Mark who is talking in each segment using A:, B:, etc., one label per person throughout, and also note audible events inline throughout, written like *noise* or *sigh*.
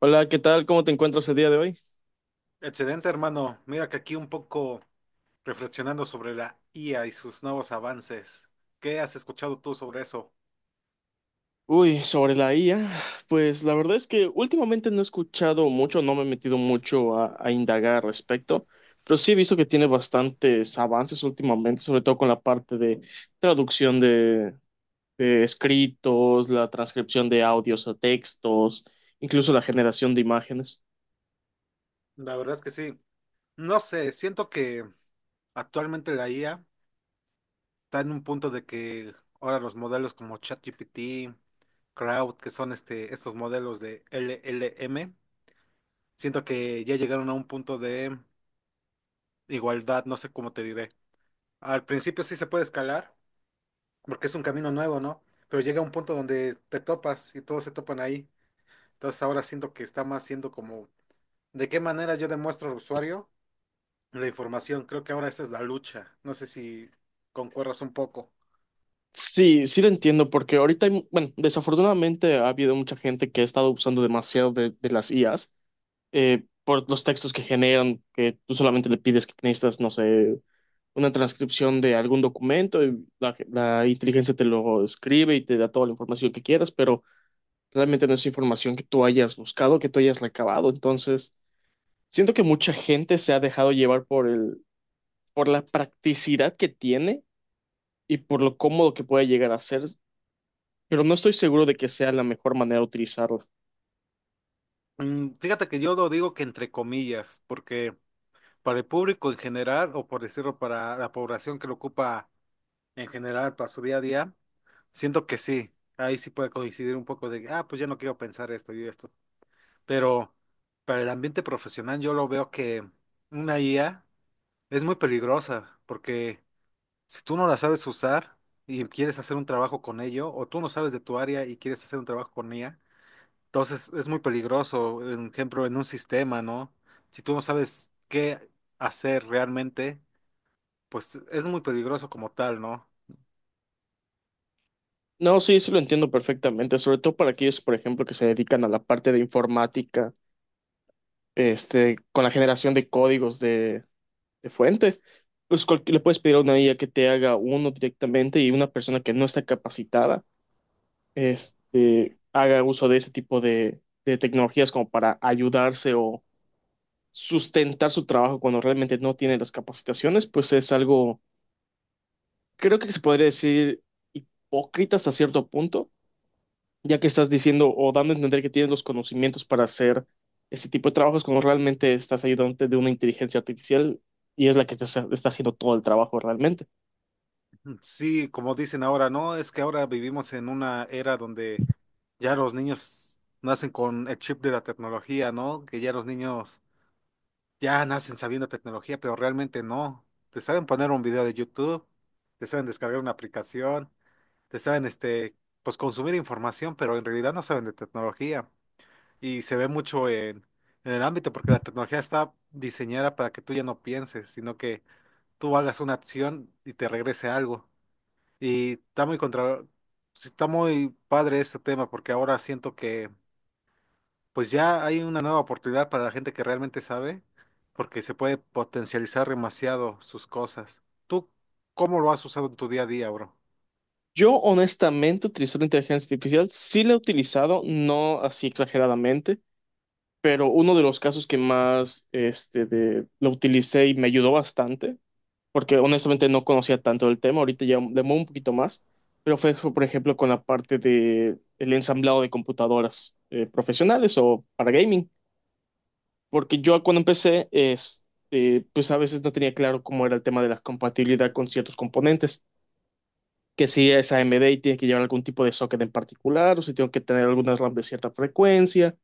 A: Hola, ¿qué tal? ¿Cómo te encuentras el día de hoy?
B: Excelente, hermano. Mira que aquí un poco reflexionando sobre la IA y sus nuevos avances. ¿Qué has escuchado tú sobre eso?
A: Uy, sobre la IA, pues la verdad es que últimamente no he escuchado mucho, no me he metido mucho a indagar al respecto, pero sí he visto que tiene bastantes avances últimamente, sobre todo con la parte de traducción de escritos, la transcripción de audios a textos, incluso la generación de imágenes.
B: La verdad es que sí. No sé, siento que actualmente la IA está en un punto de que ahora los modelos como ChatGPT, Crowd, que son estos modelos de LLM, siento que ya llegaron a un punto de igualdad, no sé cómo te diré. Al principio sí se puede escalar, porque es un camino nuevo, ¿no? Pero llega un punto donde te topas y todos se topan ahí. Entonces ahora siento que está más siendo como, ¿de qué manera yo demuestro al usuario la información? Creo que ahora esa es la lucha. No sé si concuerdas un poco.
A: Sí, sí lo entiendo, porque ahorita, hay desafortunadamente ha habido mucha gente que ha estado usando demasiado de las IAs por los textos que generan, que tú solamente le pides que necesitas, no sé, una transcripción de algún documento y la inteligencia te lo escribe y te da toda la información que quieras, pero realmente no es información que tú hayas buscado, que tú hayas recabado. Entonces, siento que mucha gente se ha dejado llevar por por la practicidad que tiene y por lo cómodo que puede llegar a ser, pero no estoy seguro de que sea la mejor manera de utilizarlo.
B: Mm, fíjate que yo lo digo que entre comillas, porque para el público en general, o por decirlo, para la población que lo ocupa en general para su día a día, siento que sí, ahí sí puede coincidir un poco de, ah, pues ya no quiero pensar esto y esto. Pero para el ambiente profesional yo lo veo que una IA es muy peligrosa, porque si tú no la sabes usar y quieres hacer un trabajo con ello, o tú no sabes de tu área y quieres hacer un trabajo con ella, entonces es muy peligroso, por ejemplo, en un sistema, ¿no? Si tú no sabes qué hacer realmente, pues es muy peligroso como tal, ¿no?
A: No, sí, sí lo entiendo perfectamente, sobre todo para aquellos, por ejemplo, que se dedican a la parte de informática, con la generación de códigos de fuente. Pues le puedes pedir a una IA que te haga uno directamente y una persona que no está capacitada, haga uso de ese tipo de tecnologías como para ayudarse o sustentar su trabajo cuando realmente no tiene las capacitaciones, pues es algo, creo que se podría decir hipócrita hasta cierto punto, ya que estás diciendo o dando a entender que tienes los conocimientos para hacer este tipo de trabajos cuando realmente estás ayudante de una inteligencia artificial y es la que te está haciendo todo el trabajo realmente.
B: Sí, como dicen ahora, ¿no? Es que ahora vivimos en una era donde ya los niños nacen con el chip de la tecnología, ¿no? Que ya los niños ya nacen sabiendo tecnología, pero realmente no. Te saben poner un video de YouTube, te saben descargar una aplicación, te saben, pues consumir información, pero en realidad no saben de tecnología. Y se ve mucho en el ámbito porque la tecnología está diseñada para que tú ya no pienses, sino que tú hagas una acción y te regrese algo. Y está muy contra, sí, está muy padre este tema porque ahora siento que pues ya hay una nueva oportunidad para la gente que realmente sabe, porque se puede potencializar demasiado sus cosas. ¿Tú cómo lo has usado en tu día a día, bro?
A: Yo honestamente utilizo la inteligencia artificial, sí la he utilizado, no así exageradamente, pero uno de los casos que más lo utilicé y me ayudó bastante porque honestamente no conocía tanto el tema, ahorita ya le muevo un poquito más, pero fue, por ejemplo, con la parte de el ensamblado de computadoras profesionales o para gaming, porque yo cuando empecé, pues a veces no tenía claro cómo era el tema de la compatibilidad con ciertos componentes, que si es AMD y tiene que llevar algún tipo de socket en particular, o si tengo que tener algunas RAM de cierta frecuencia,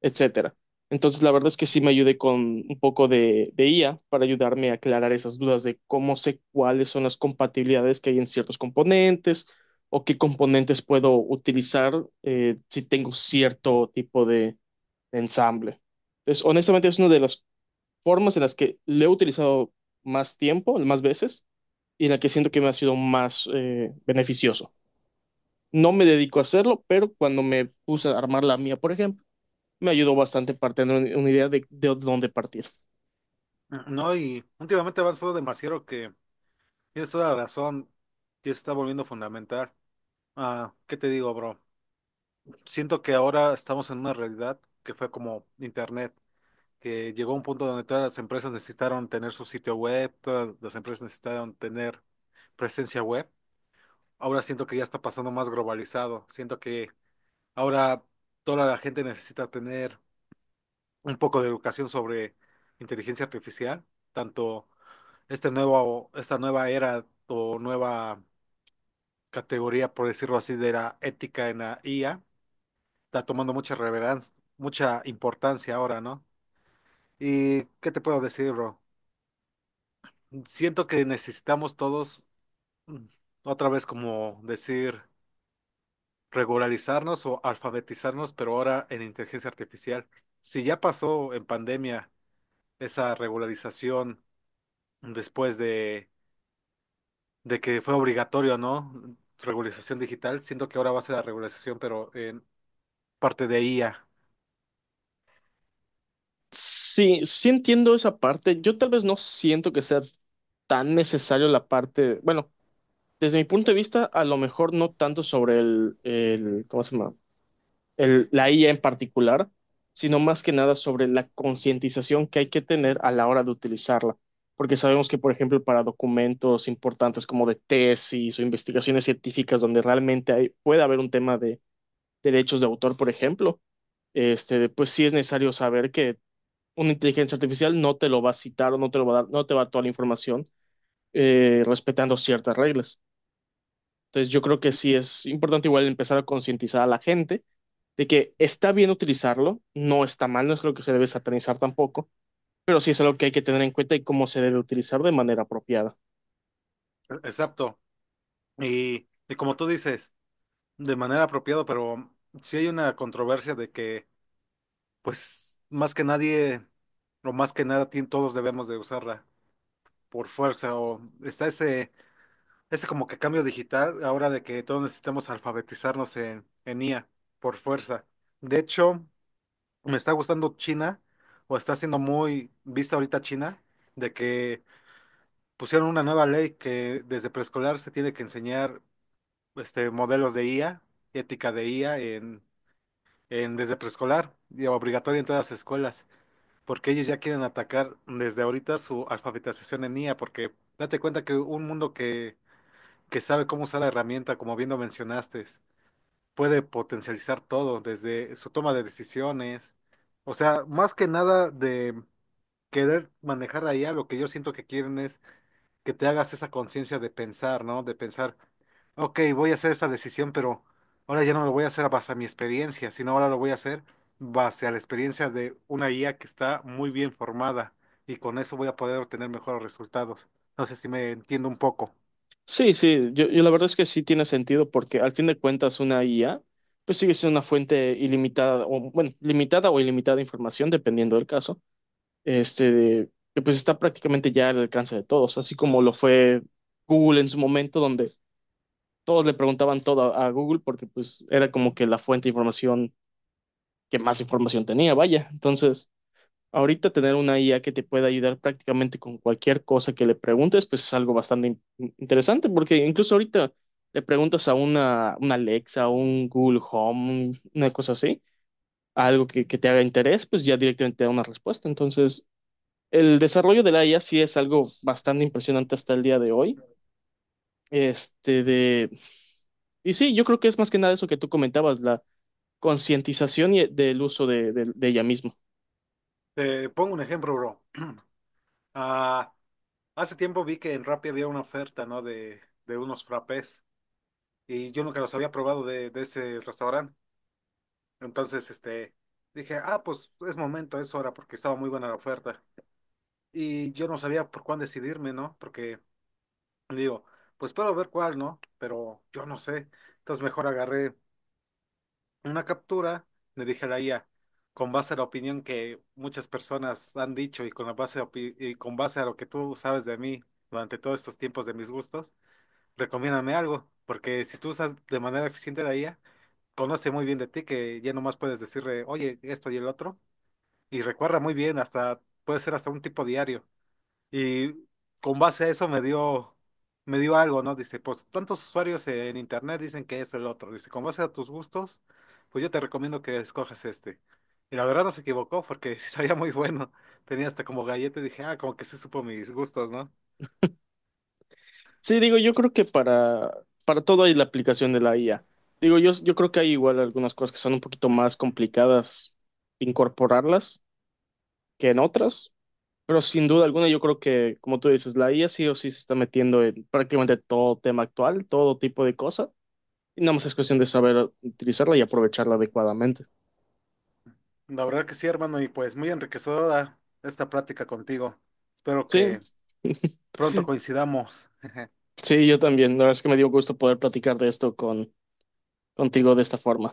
A: etcétera. Entonces, la verdad es que sí me ayudé con un poco de IA para ayudarme a aclarar esas dudas de cómo sé cuáles son las compatibilidades que hay en ciertos componentes o qué componentes puedo utilizar, si tengo cierto tipo de ensamble. Entonces, honestamente, es una de las formas en las que le he utilizado más tiempo, más veces, y en la que siento que me ha sido más beneficioso. No me dedico a hacerlo, pero cuando me puse a armar la mía, por ejemplo, me ayudó bastante para tener una idea de dónde partir.
B: No, y últimamente ha avanzado demasiado que tienes toda la razón, ya se está volviendo fundamental. Ah, ¿qué te digo, bro? Siento que ahora estamos en una realidad que fue como Internet, que llegó a un punto donde todas las empresas necesitaron tener su sitio web, todas las empresas necesitaron tener presencia web. Ahora siento que ya está pasando más globalizado. Siento que ahora toda la gente necesita tener un poco de educación sobre inteligencia artificial, tanto esta nueva era o nueva categoría, por decirlo así, de la ética en la IA, está tomando mucha relevancia, mucha importancia ahora, ¿no? ¿Y qué te puedo decir, bro? Siento que necesitamos todos, mm, otra vez como decir regularizarnos o alfabetizarnos, pero ahora en inteligencia artificial. Si ya pasó en pandemia esa regularización después de, de que fue obligatorio, ¿no? Regularización digital, siento que ahora va a ser la regularización, pero en parte de IA.
A: Sí, sí entiendo esa parte. Yo tal vez no siento que sea tan necesario la parte, bueno, desde mi punto de vista, a lo mejor no tanto sobre el ¿cómo se llama? El, la IA en particular, sino más que nada sobre la concientización que hay que tener a la hora de utilizarla. Porque sabemos que, por ejemplo, para documentos importantes como de tesis o investigaciones científicas donde realmente hay, puede haber un tema de derechos de autor, por ejemplo, pues sí es necesario saber que una inteligencia artificial no te lo va a citar o no te lo va a dar, no te va a dar toda la información, respetando ciertas reglas. Entonces yo creo que sí es importante igual empezar a concientizar a la gente de que está bien utilizarlo, no está mal, no es lo que se debe satanizar tampoco, pero sí es algo que hay que tener en cuenta y cómo se debe utilizar de manera apropiada.
B: Exacto. Y como tú dices, de manera apropiada, pero sí hay una controversia de que, pues, más que nadie, o más que nada, todos debemos de usarla por fuerza, o está ese ese como que cambio digital, ahora de que todos necesitamos alfabetizarnos en IA, por fuerza. De hecho, me está gustando China, o está siendo muy vista ahorita China, de que pusieron una nueva ley que desde preescolar se tiene que enseñar modelos de IA, ética de IA en desde preescolar, y obligatoria en todas las escuelas, porque ellos ya quieren atacar desde ahorita su alfabetización en IA, porque date cuenta que un mundo que sabe cómo usar la herramienta, como bien lo mencionaste, puede potencializar todo, desde su toma de decisiones, o sea, más que nada de querer manejar la IA, lo que yo siento que quieren es que te hagas esa conciencia de pensar, ¿no? De pensar, ok, voy a hacer esta decisión, pero ahora ya no lo voy a hacer a base a mi experiencia, sino ahora lo voy a hacer base a la experiencia de una IA que está muy bien formada y con eso voy a poder obtener mejores resultados. No sé si me entiendo un poco.
A: Sí, sí, yo la verdad es que sí tiene sentido porque al fin de cuentas una IA pues sigue siendo una fuente ilimitada o bueno, limitada o ilimitada de información dependiendo del caso, que pues está prácticamente ya al alcance de todos, así como lo fue Google en su momento, donde todos le preguntaban todo a Google porque pues era como que la fuente de información que más información tenía, vaya. Entonces, ahorita tener una IA que te pueda ayudar prácticamente con cualquier cosa que le preguntes, pues es algo bastante interesante, porque incluso ahorita le preguntas a una Alexa, un Google Home, una cosa así, algo que te haga interés, pues ya directamente te da una respuesta. Entonces, el desarrollo de la IA sí es algo bastante impresionante hasta el día de hoy. Este de... Y sí, yo creo que es más que nada eso que tú comentabas, la concientización del uso de ella misma.
B: Te pongo un ejemplo, bro. Ah, hace tiempo vi que en Rappi había una oferta, ¿no? De unos frappés y yo nunca los había probado de ese restaurante. Entonces, dije, ah, pues es momento, es hora, porque estaba muy buena la oferta. Y yo no sabía por cuál decidirme, ¿no? Porque digo, pues puedo ver cuál, ¿no? Pero yo no sé. Entonces mejor agarré una captura, le dije a la IA, con base a la opinión que muchas personas han dicho y con la base a opi- y con base a lo que tú sabes de mí durante todos estos tiempos de mis gustos. Recomiéndame algo, porque si tú usas de manera eficiente la IA, conoce muy bien de ti que ya nomás puedes decirle, oye, esto y el otro, y recuerda muy bien, hasta puede ser hasta un tipo diario. Y con base a eso me dio algo, ¿no? Dice, pues tantos usuarios en internet dicen que eso el otro. Dice, con base a tus gustos, pues yo te recomiendo que escojas este. Y la verdad no se equivocó porque *laughs* sí sabía muy bueno. Tenía hasta como galleta y dije, ah, como que sí supo mis gustos, ¿no?
A: Sí, digo, yo creo que para todo hay la aplicación de la IA. Digo, yo creo que hay igual algunas cosas que son un poquito más complicadas incorporarlas que en otras, pero sin duda alguna yo creo que, como tú dices, la IA sí o sí se está metiendo en prácticamente todo tema actual, todo tipo de cosas. Y nada más es cuestión de saber utilizarla y aprovecharla adecuadamente.
B: La verdad que sí, hermano, y pues muy enriquecedora esta plática contigo. Espero
A: Sí,
B: que
A: *laughs*
B: pronto coincidamos.
A: sí, yo también. La verdad es que me dio gusto poder platicar de esto con, contigo de esta forma.